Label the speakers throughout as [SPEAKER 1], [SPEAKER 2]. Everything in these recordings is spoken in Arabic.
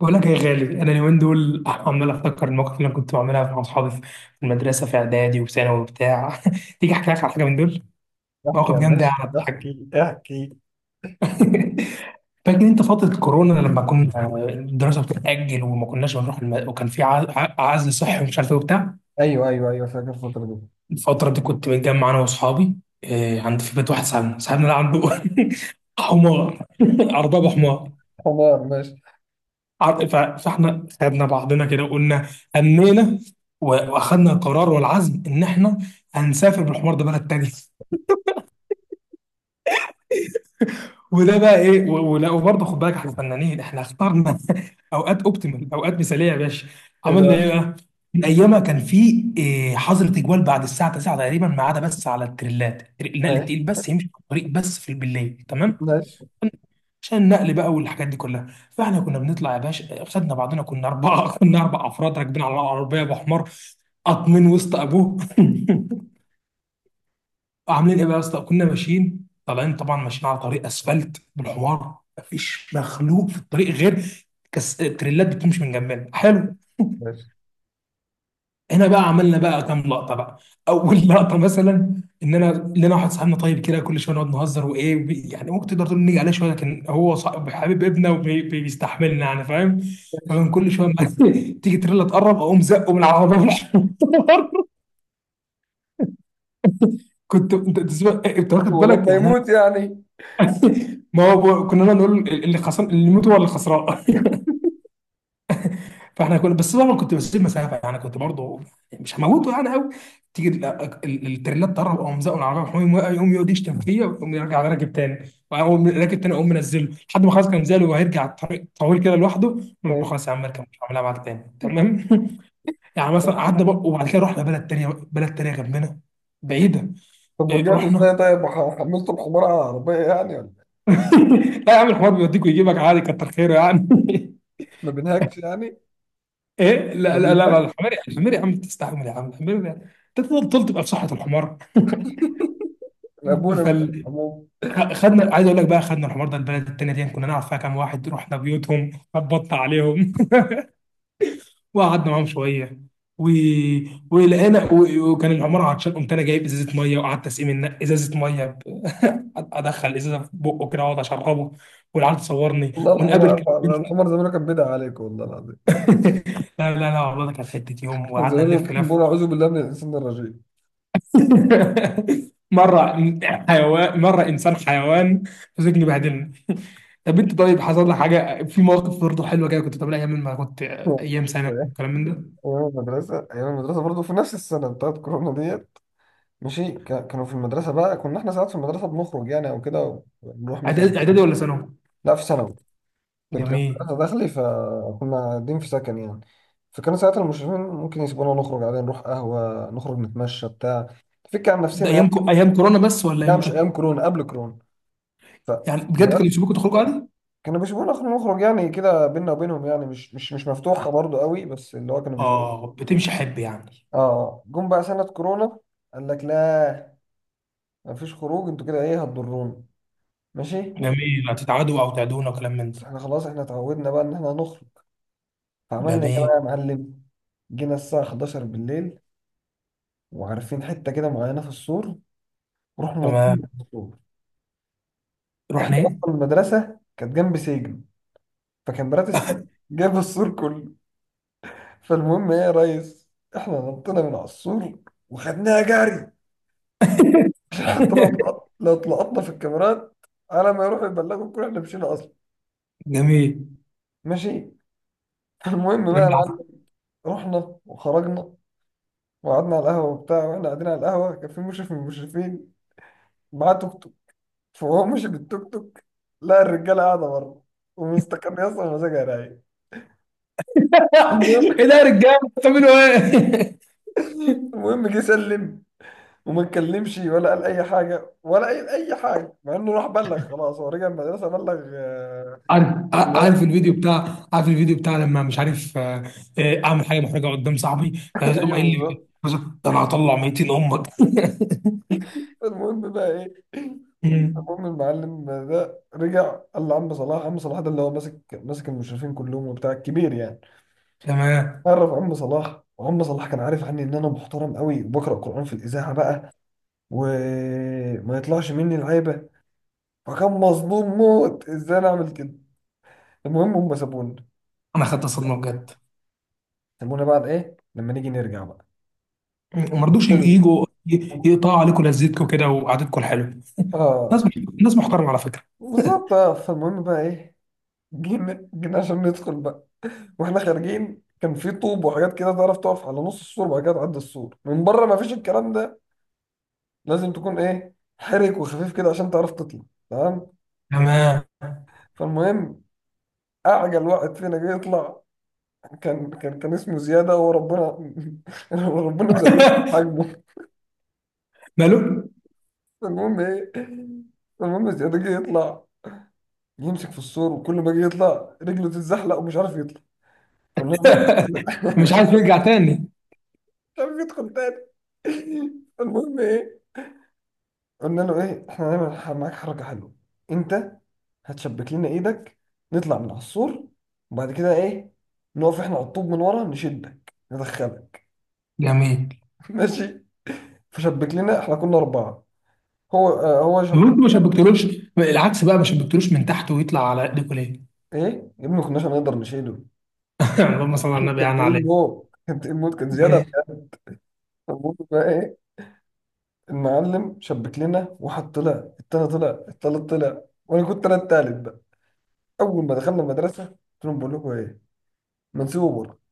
[SPEAKER 1] بقول لك يا غالي، انا اليومين دول عمال افتكر المواقف اللي انا كنت بعملها مع اصحابي في المدرسه في اعدادي وثانوي وبتاع. تيجي احكي لك على حاجه من دول،
[SPEAKER 2] احكي يا
[SPEAKER 1] مواقف جامده
[SPEAKER 2] باشا.
[SPEAKER 1] على حاجه.
[SPEAKER 2] احكي.
[SPEAKER 1] فاكر انت فتره كورونا لما كنا الدراسه بتتاجل وما كناش بنروح وكان في عزل صحي ومش عارف ايه وبتاع.
[SPEAKER 2] ايوه، فاكر الفترة دي.
[SPEAKER 1] الفتره دي كنت متجمع انا واصحابي. عند في بيت واحد صاحبنا، ده عنده حمار ارباب حمار.
[SPEAKER 2] تمام، ماشي.
[SPEAKER 1] عر- ف- فاحنا خدنا بعضنا كده وقلنا أمينا واخدنا القرار والعزم ان احنا هنسافر بالحوار ده بلد تاني. وده بقى ايه ولا، وبرضه خد بالك احنا فنانين، احنا اخترنا اوقات اوبتيمال، اوقات مثاليه يا باشا.
[SPEAKER 2] ايه
[SPEAKER 1] عملنا
[SPEAKER 2] بقى.
[SPEAKER 1] ايه بقى؟ من ايامها كان في إيه حظر تجوال بعد الساعه 9 تقريبا، ما عدا بس على التريلات النقل
[SPEAKER 2] ماشي
[SPEAKER 1] التقيل بس يمشي في الطريق بس في بالليل، تمام.
[SPEAKER 2] ماشي
[SPEAKER 1] عشان النقل بقى والحاجات دي كلها، فاحنا كنا بنطلع يا باشا، خدنا بعضنا كنا اربعه. كنا اربع افراد راكبين على العربيه ابو حمار، قاطمين وسط ابوه. عاملين ايه بقى يا اسطى؟ كنا ماشيين طالعين طبعا ماشيين على طريق اسفلت بالحمار، مفيش مخلوق في الطريق غير تريلات بتمشي من جنبنا، حلو.
[SPEAKER 2] ماشي
[SPEAKER 1] هنا بقى عملنا بقى كام لقطه بقى. اول لقطه مثلا ان انا، لنا واحد صاحبنا طيب كده كل شويه نقعد نهزر وايه يعني ممكن تقدر تقول نيجي عليه شويه، لكن هو صاحب حبيب ابنه وبيستحملنا يعني، فاهم.
[SPEAKER 2] ماشي.
[SPEAKER 1] فمن كل شويه ما تيجي تريلا تقرب اقوم زقه من العربيه في الحوار. كنت انت إيه، أنت واخد بالك
[SPEAKER 2] ولما
[SPEAKER 1] يعني انا.
[SPEAKER 2] يموت يعني.
[SPEAKER 1] ما هو كنا نقعد نقول اللي خسران اللي يموت هو اللي خسران. فاحنا كنا بس طبعا كنت بسيب مسافه يعني، كنت برضه مش هموته يعني قوي. تيجي التريلات تقرب او مزقه العربيه، يقوم واقع، يقوم يقعد يشتم فيا ويقوم يرجع راكب تاني. واقوم راكب تاني، اقوم منزله لحد ما خلاص كان منزله وهيرجع الطريق طويل كده لوحده، أقول له
[SPEAKER 2] ماشي.
[SPEAKER 1] خلاص يا عم اركب مش هعملها معاك تاني، تمام. يعني مثلا قعدنا بقى وبعد كده رحنا بلد تانيه. بلد تانيه جنبنا، بعيده.
[SPEAKER 2] طب
[SPEAKER 1] إيه،
[SPEAKER 2] ورجعتوا
[SPEAKER 1] رحنا.
[SPEAKER 2] ازاي؟ طيب حملتوا الحمار على العربية يعني ولا إيه؟
[SPEAKER 1] لا يا عم، الحوار بيوديك ويجيبك عادي، كتر خيره يعني.
[SPEAKER 2] ما بينهكش يعني.
[SPEAKER 1] ايه،
[SPEAKER 2] ما
[SPEAKER 1] لا لا لا لا،
[SPEAKER 2] بينهكش.
[SPEAKER 1] الحمار، الحمار يا عم تستحمل يا عم، الحمار ده، انت تفضل تبقى في صحه الحمار.
[SPEAKER 2] ابونا بيه.
[SPEAKER 1] فال.
[SPEAKER 2] عموما
[SPEAKER 1] خدنا، عايز اقول لك بقى، خدنا الحوار ده البلد التانية دي كنا نعرف فيها كام واحد، رحنا بيوتهم خبطنا عليهم. وقعدنا معاهم شويه و... ولقينا وكان العمارة عطشان، قمت انا جايب ازازه ميه وقعدت اسقي من ازازه ميه ادخل ازازه في بقه كده واقعد اشربه، والعيال تصورني
[SPEAKER 2] والله،
[SPEAKER 1] ونقابل.
[SPEAKER 2] الحمار الحمار زمان كان بدع عليك والله العظيم.
[SPEAKER 1] لا لا لا، والله ده كانت حته يوم
[SPEAKER 2] كان
[SPEAKER 1] وقعدنا
[SPEAKER 2] زمان
[SPEAKER 1] نلف
[SPEAKER 2] كان بيقول:
[SPEAKER 1] لف.
[SPEAKER 2] اعوذ بالله من الانسان الرجيم.
[SPEAKER 1] مره حيوان، مره انسان حيوان، مسكني بهدلني. طب انت طيب حصل لك حاجه في مواقف برضه حلوه كده كنت بتعملها ايام ما كنت ايام سنه الكلام من ده؟
[SPEAKER 2] ايام المدرسة، ايام المدرسة برضه في نفس السنة بتاعت كورونا دي. ماشي. كانوا في المدرسة بقى، كنا احنا ساعات في المدرسة بنخرج يعني او كده ونروح مثلا.
[SPEAKER 1] اعدادي اعدادي ولا ثانوي؟
[SPEAKER 2] لا، في ثانوي. كنت، كانت
[SPEAKER 1] جميل.
[SPEAKER 2] مدرسة داخلي، فكنا قاعدين في سكن يعني. فكانوا ساعات المشرفين ممكن يسيبونا نخرج عادي، نروح قهوة، نخرج نتمشى بتاع نفك عن
[SPEAKER 1] ده
[SPEAKER 2] نفسنا
[SPEAKER 1] ايام
[SPEAKER 2] يعني.
[SPEAKER 1] ايام كورونا بس ولا
[SPEAKER 2] لا مش
[SPEAKER 1] امتى؟
[SPEAKER 2] ايام كورونا، قبل كورونا. ف
[SPEAKER 1] يعني
[SPEAKER 2] ف-
[SPEAKER 1] بجد كانوا يسيبوكوا تخرجوا عادي؟
[SPEAKER 2] كانوا بيسيبونا نخرج نخرج يعني، كده بينا وبينهم يعني، مش مفتوحة برضو قوي، بس اللي هو كانوا بيسيبونا.
[SPEAKER 1] اه بتمشي حب يعني.
[SPEAKER 2] اه جم بقى سنة كورونا، قال لك لا، مفيش خروج، انتوا كده ايه هتضرونا. ماشي.
[SPEAKER 1] جميل، هتتعادوا او تعدونا وكلام من
[SPEAKER 2] بس
[SPEAKER 1] ده.
[SPEAKER 2] احنا خلاص احنا اتعودنا بقى ان احنا نخرج. فعملنا ايه
[SPEAKER 1] جميل،
[SPEAKER 2] بقى يا معلم؟ جينا الساعة 11 بالليل، وعارفين حتة كده معينة في السور، ورحنا نطينا من
[SPEAKER 1] تمام.
[SPEAKER 2] السور. احنا
[SPEAKER 1] رحنا
[SPEAKER 2] اصلا
[SPEAKER 1] ايه؟
[SPEAKER 2] المدرسة كانت جنب سجن، فكان مرات السجن جايبه السور كله. فالمهم ايه يا ريس، احنا نطينا من على السور وخدناها جري، عشان حتى لو طلعت، لو اتلقطنا في الكاميرات، على ما يروحوا يبلغوا الكل احنا مشينا اصلا.
[SPEAKER 1] جميل.
[SPEAKER 2] ماشي. المهم بقى يا معلم، رحنا وخرجنا وقعدنا على القهوة وبتاع. واحنا قاعدين على القهوة كان في مشرف من المشرفين معاه توك توك، فهو مشي بالتوك توك، لقى الرجاله قاعده بره ومستكان يا اسطى مزاجها رايق. المهم
[SPEAKER 1] ايه ده يا رجاله بتعملوا ايه؟
[SPEAKER 2] المهم جه سلم وما اتكلمش ولا قال اي حاجه ولا قال اي حاجه، مع انه راح بلغ. خلاص، هو رجع المدرسه بلغ.
[SPEAKER 1] عارف،
[SPEAKER 2] لا.
[SPEAKER 1] عارف الفيديو بتاع، عارف الفيديو بتاع لما مش عارف اعمل حاجه محرجه قدام صاحبي، فيقوم
[SPEAKER 2] ايوه
[SPEAKER 1] قايل لي
[SPEAKER 2] بالظبط.
[SPEAKER 1] ده انا هطلع 200 امك.
[SPEAKER 2] المهم بقى ايه،
[SPEAKER 1] مم.
[SPEAKER 2] المهم المعلم ده رجع قال لعم صلاح. عم صلاح ده اللي هو ماسك، ماسك المشرفين كلهم وبتاع، الكبير يعني.
[SPEAKER 1] تمام.
[SPEAKER 2] عرف عم صلاح، وعم صلاح كان عارف عني ان انا محترم قوي وبقرا قران في الاذاعه بقى، وما يطلعش مني العيبه، فكان مظلوم موت ازاي انا اعمل كده. المهم هم سابونا.
[SPEAKER 1] انا خدت صدمه بجد.
[SPEAKER 2] سابونا بعد ايه لما نيجي نرجع بقى.
[SPEAKER 1] مم. وما رضوش
[SPEAKER 2] حلو.
[SPEAKER 1] يجوا يقطعوا عليكم لذتكم كده وقعدتكم الحلوه.
[SPEAKER 2] اه
[SPEAKER 1] ناس ناس محترمه على فكره،
[SPEAKER 2] بالظبط. اه فالمهم بقى ايه، جينا جينا عشان ندخل بقى. واحنا خارجين كان في طوب وحاجات كده تعرف تقف على نص السور وبعد كده تعدي السور من بره، ما فيش الكلام ده، لازم تكون ايه، حرك وخفيف كده عشان تعرف تطلع. تمام.
[SPEAKER 1] تمام.
[SPEAKER 2] فالمهم، اعجل واحد فينا جه يطلع، كان اسمه زيادة، وربنا وربنا مزود في حجمه.
[SPEAKER 1] ماله.
[SPEAKER 2] المهم ايه، المهم زيادة جه يطلع يمسك في السور، وكل ما جه يطلع رجله تتزحلق ومش عارف يطلع. قلنا له بص
[SPEAKER 1] مش عايز
[SPEAKER 2] مش
[SPEAKER 1] يرجع تاني.
[SPEAKER 2] عارف يدخل تاني. المهم ايه، قلنا له ايه، احنا هنعمل معاك حركة حلوة، انت هتشبك لنا ايدك، نطلع من على السور، وبعد كده ايه، نقف احنا على الطوب من ورا نشدك ندخلك.
[SPEAKER 1] جميل.
[SPEAKER 2] ماشي. فشبك لنا، احنا كنا أربعة. هو آه هو
[SPEAKER 1] لو
[SPEAKER 2] شبك.
[SPEAKER 1] انتوا ما شبكتلوش، العكس بقى ما شبكتلوش من تحت ويطلع على ايديكم ليه؟
[SPEAKER 2] ايه يا ابني، ما كناش هنقدر نشيله.
[SPEAKER 1] اللهم صل على
[SPEAKER 2] كان
[SPEAKER 1] النبي يعني
[SPEAKER 2] تقيل
[SPEAKER 1] عليه.
[SPEAKER 2] موت، كان تقيل موت، كان زياده.
[SPEAKER 1] ما
[SPEAKER 2] فالمهم بقى ايه، المعلم شبك لنا واحد طلع، التاني طلع، التالت طلع، وانا كنت انا التالت بقى. اول ما دخلنا المدرسه قلت لهم: بقول لكم ايه، ما نسيبه بره.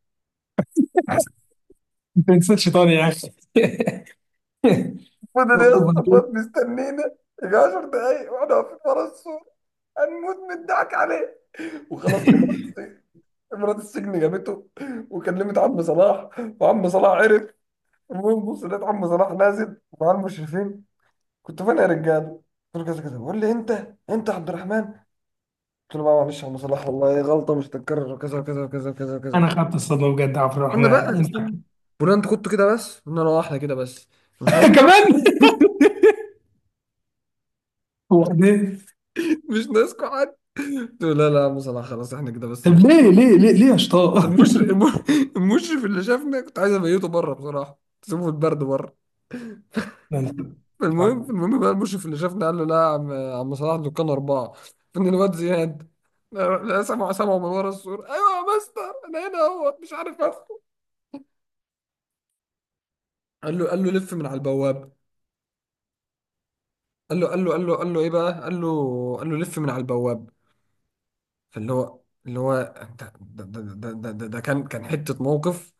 [SPEAKER 1] تنساش شيطان يا اخي.
[SPEAKER 2] فضل يا اسطى،
[SPEAKER 1] وبعدين.
[SPEAKER 2] فضل مستنينا. يجي 10 دقايق واحنا واقفين ورا السور، هنموت من الضحك عليه. وخلاص كاميرات السجن، كاميرات السجن جابته، وكلمت عم صلاح وعم صلاح عرف. المهم بص لقيت عم صلاح نازل مع المشرفين: كنت فين يا رجاله؟ قلت له كذا كذا، بيقول لي انت انت عبد الرحمن. قلت له بقى معلش يا عم صلاح، والله غلطه مش هتتكرر، وكذا وكذا وكذا وكذا وكذا.
[SPEAKER 1] انا خدت الصدمه بجد، عبد
[SPEAKER 2] استنى
[SPEAKER 1] الرحمن
[SPEAKER 2] بقى
[SPEAKER 1] ينفع؟
[SPEAKER 2] استنى، بقول انت كنت كده بس، قلنا له اه احنا كده بس، مش ناقص
[SPEAKER 1] كمان. وبعدين.
[SPEAKER 2] مش ناقصكم حد. قلت له لا لا يا عم صلاح، خلاص احنا كده بس.
[SPEAKER 1] طب ليه ليه ليه ليه يا شطار؟
[SPEAKER 2] المشرف المشرف اللي شافنا كنت عايز ابيته بره بصراحه، تسيبه في البرد بره.
[SPEAKER 1] ده أنت، مش عارف.
[SPEAKER 2] المهم بقى، المشرف اللي شافني قال له: لا يا عم، يا عم صلاح، دول كانوا أربعة، فإن الواد زياد. لا، سمعوا سمعوا من ورا السور: أيوة يا مستر، أنا هنا أهوت مش عارف أدخل. قال له، قال له: لف من على البواب. قال له إيه بقى، قال له، قال له: لف من على البواب. فاللي هو، اللي هو ده كان، كان حتة موقف،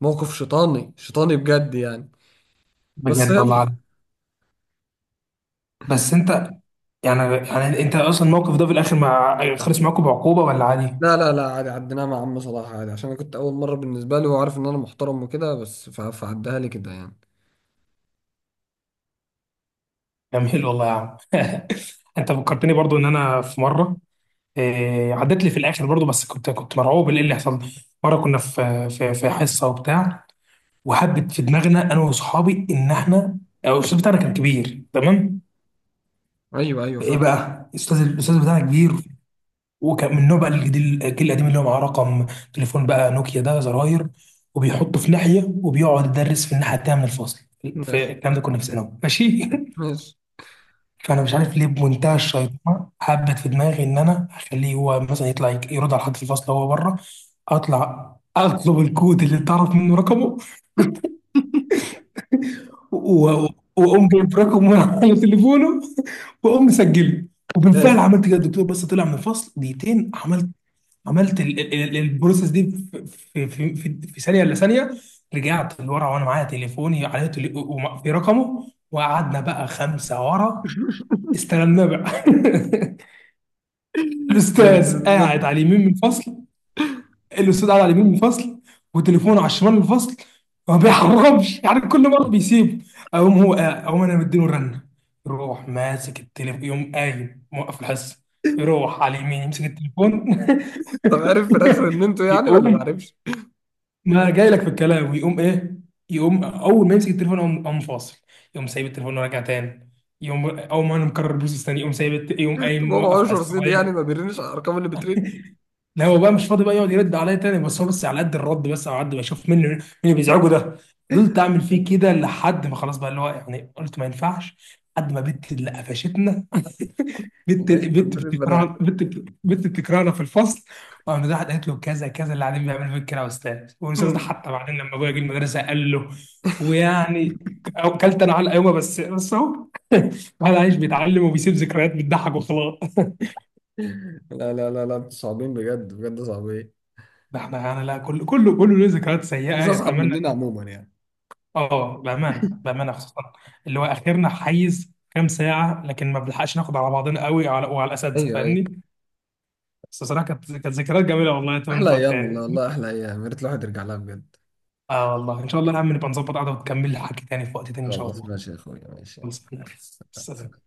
[SPEAKER 2] موقف شيطاني، شيطاني بجد يعني. بس
[SPEAKER 1] بجد والله
[SPEAKER 2] يلا.
[SPEAKER 1] العظيم. بس انت، يعني يعني انت اصلا الموقف ده في الاخر مع، خلص معاكم بعقوبه ولا عادي؟
[SPEAKER 2] لا لا لا، عادي، عديناها مع عم صلاح عادي، عشان انا كنت اول مره بالنسبه لي وعارف ان انا محترم وكده بس، فعدها لي كده يعني.
[SPEAKER 1] جميل والله يا عم. انت فكرتني برضو ان انا في مره، إيه، عدت لي في الاخر برضو بس كنت كنت مرعوب من ايه اللي حصل. مره كنا في حصه وبتاع، وحبت في دماغنا انا واصحابي ان احنا، او الاستاذ بتاعنا كان كبير تمام.
[SPEAKER 2] ايوه ايوه
[SPEAKER 1] ايه
[SPEAKER 2] فاهم.
[SPEAKER 1] بقى الاستاذ، الاستاذ بتاعنا كبير، وكان من النوع بقى الجديد الجيل القديم اللي هو معاه رقم تليفون بقى نوكيا ده زراير، وبيحطه في ناحيه وبيقعد يدرس في الناحيه التانيه من الفصل. في
[SPEAKER 2] ماشي
[SPEAKER 1] الكلام ده كنا في ثانوي، ماشي.
[SPEAKER 2] ماشي
[SPEAKER 1] فانا مش عارف ليه بمنتهى الشيطنه حبت في دماغي ان انا اخليه هو مثلا يطلع يرد على حد في الفصل وهو بره. اطلع اطلب الكود اللي تعرف منه رقمه و- و- واقوم جايب رقمه من على تليفونه واقوم مسجله. وبالفعل
[SPEAKER 2] ماشي.
[SPEAKER 1] عملت كده، الدكتور بس طلع من الفصل دقيقتين عملت، عملت البروسيس دي في ثانيه الا ثانيه. رجعت لورا وانا معايا تليفوني عليه في رقمه، وقعدنا بقى خمسه ورا استلمناه بقى. الاستاذ قاعد على اليمين من الفصل. الاستاذ قاعد على اليمين من الفصل وتليفونه على الشمال من الفصل، ما بيحرمش يعني كل مره بيسيب. اقوم هو، اقوم انا مديله رنه، يروح ماسك التليفون، يقوم قايم موقف الحصه، يروح على اليمين يمسك التليفون.
[SPEAKER 2] طب عارف في الاخر ان انتوا يعني ولا ما
[SPEAKER 1] يقوم،
[SPEAKER 2] عارفش؟
[SPEAKER 1] ما جاي لك في الكلام، ويقوم ايه؟ يقوم اول ما يمسك التليفون يقوم قام فاصل، يقوم سايب التليفون وراجع تاني، يقوم اول ما انا مكرر البروسيس تاني يقوم سايب يقوم
[SPEAKER 2] طب
[SPEAKER 1] قايم
[SPEAKER 2] هو ما
[SPEAKER 1] موقف
[SPEAKER 2] هوش
[SPEAKER 1] على
[SPEAKER 2] رصيد يعني، ما
[SPEAKER 1] السرير.
[SPEAKER 2] بيرنش على الارقام اللي بترن.
[SPEAKER 1] لا هو بقى مش فاضي بقى يقعد يرد عليا تاني، بس هو بس على قد الرد، بس على قد ما اشوف منه مين اللي بيزعجه ده. فضلت اعمل فيه كده لحد ما خلاص بقى اللي هو يعني قلت ما ينفعش، لحد ما بنت اللي قفشتنا.
[SPEAKER 2] في
[SPEAKER 1] بنت،
[SPEAKER 2] الاخر بنت
[SPEAKER 1] بتكرهنا،
[SPEAKER 2] البنات.
[SPEAKER 1] بنت، بتكرهنا في الفصل، وقام ده قالت له كذا كذا اللي قاعدين بيعملوا فيك كده يا استاذ. والاستاذ ده
[SPEAKER 2] أمم.
[SPEAKER 1] حتى بعدين لما ابويا جه المدرسه قال له، ويعني اكلت انا على يومه، بس بس اهو. الواحد عايش بيتعلم وبيسيب ذكريات بتضحك وخلاص.
[SPEAKER 2] لا، انتوا صعبين بجد، بجد صعبين.
[SPEAKER 1] ده احنا يعني لا، كل كله له ذكريات
[SPEAKER 2] مش
[SPEAKER 1] سيئه
[SPEAKER 2] اصعب
[SPEAKER 1] يتمنى.
[SPEAKER 2] مننا عموما يعني.
[SPEAKER 1] اه بامانه، بامانه خصوصا اللي هو اخرنا حيز كام ساعه، لكن ما بنلحقش ناخد على بعضنا قوي، وعلى، وعلى الاساتذه
[SPEAKER 2] ايوه ايوه.
[SPEAKER 1] فاهمني. بس الصراحه كانت، كانت ذكريات جميله والله، اتمنى
[SPEAKER 2] احلى
[SPEAKER 1] تقعد
[SPEAKER 2] ايام والله،
[SPEAKER 1] تاني.
[SPEAKER 2] والله احلى ايام، يا ريت الواحد يرجع لها بجد.
[SPEAKER 1] اه والله ان شاء الله يا عم نبقى نظبط قعده وتكمل لي حكي تاني في وقت تاني ان شاء
[SPEAKER 2] خلاص
[SPEAKER 1] الله.
[SPEAKER 2] ماشي يا اخويا، ماشي.
[SPEAKER 1] خلص، السلام.
[SPEAKER 2] سلام.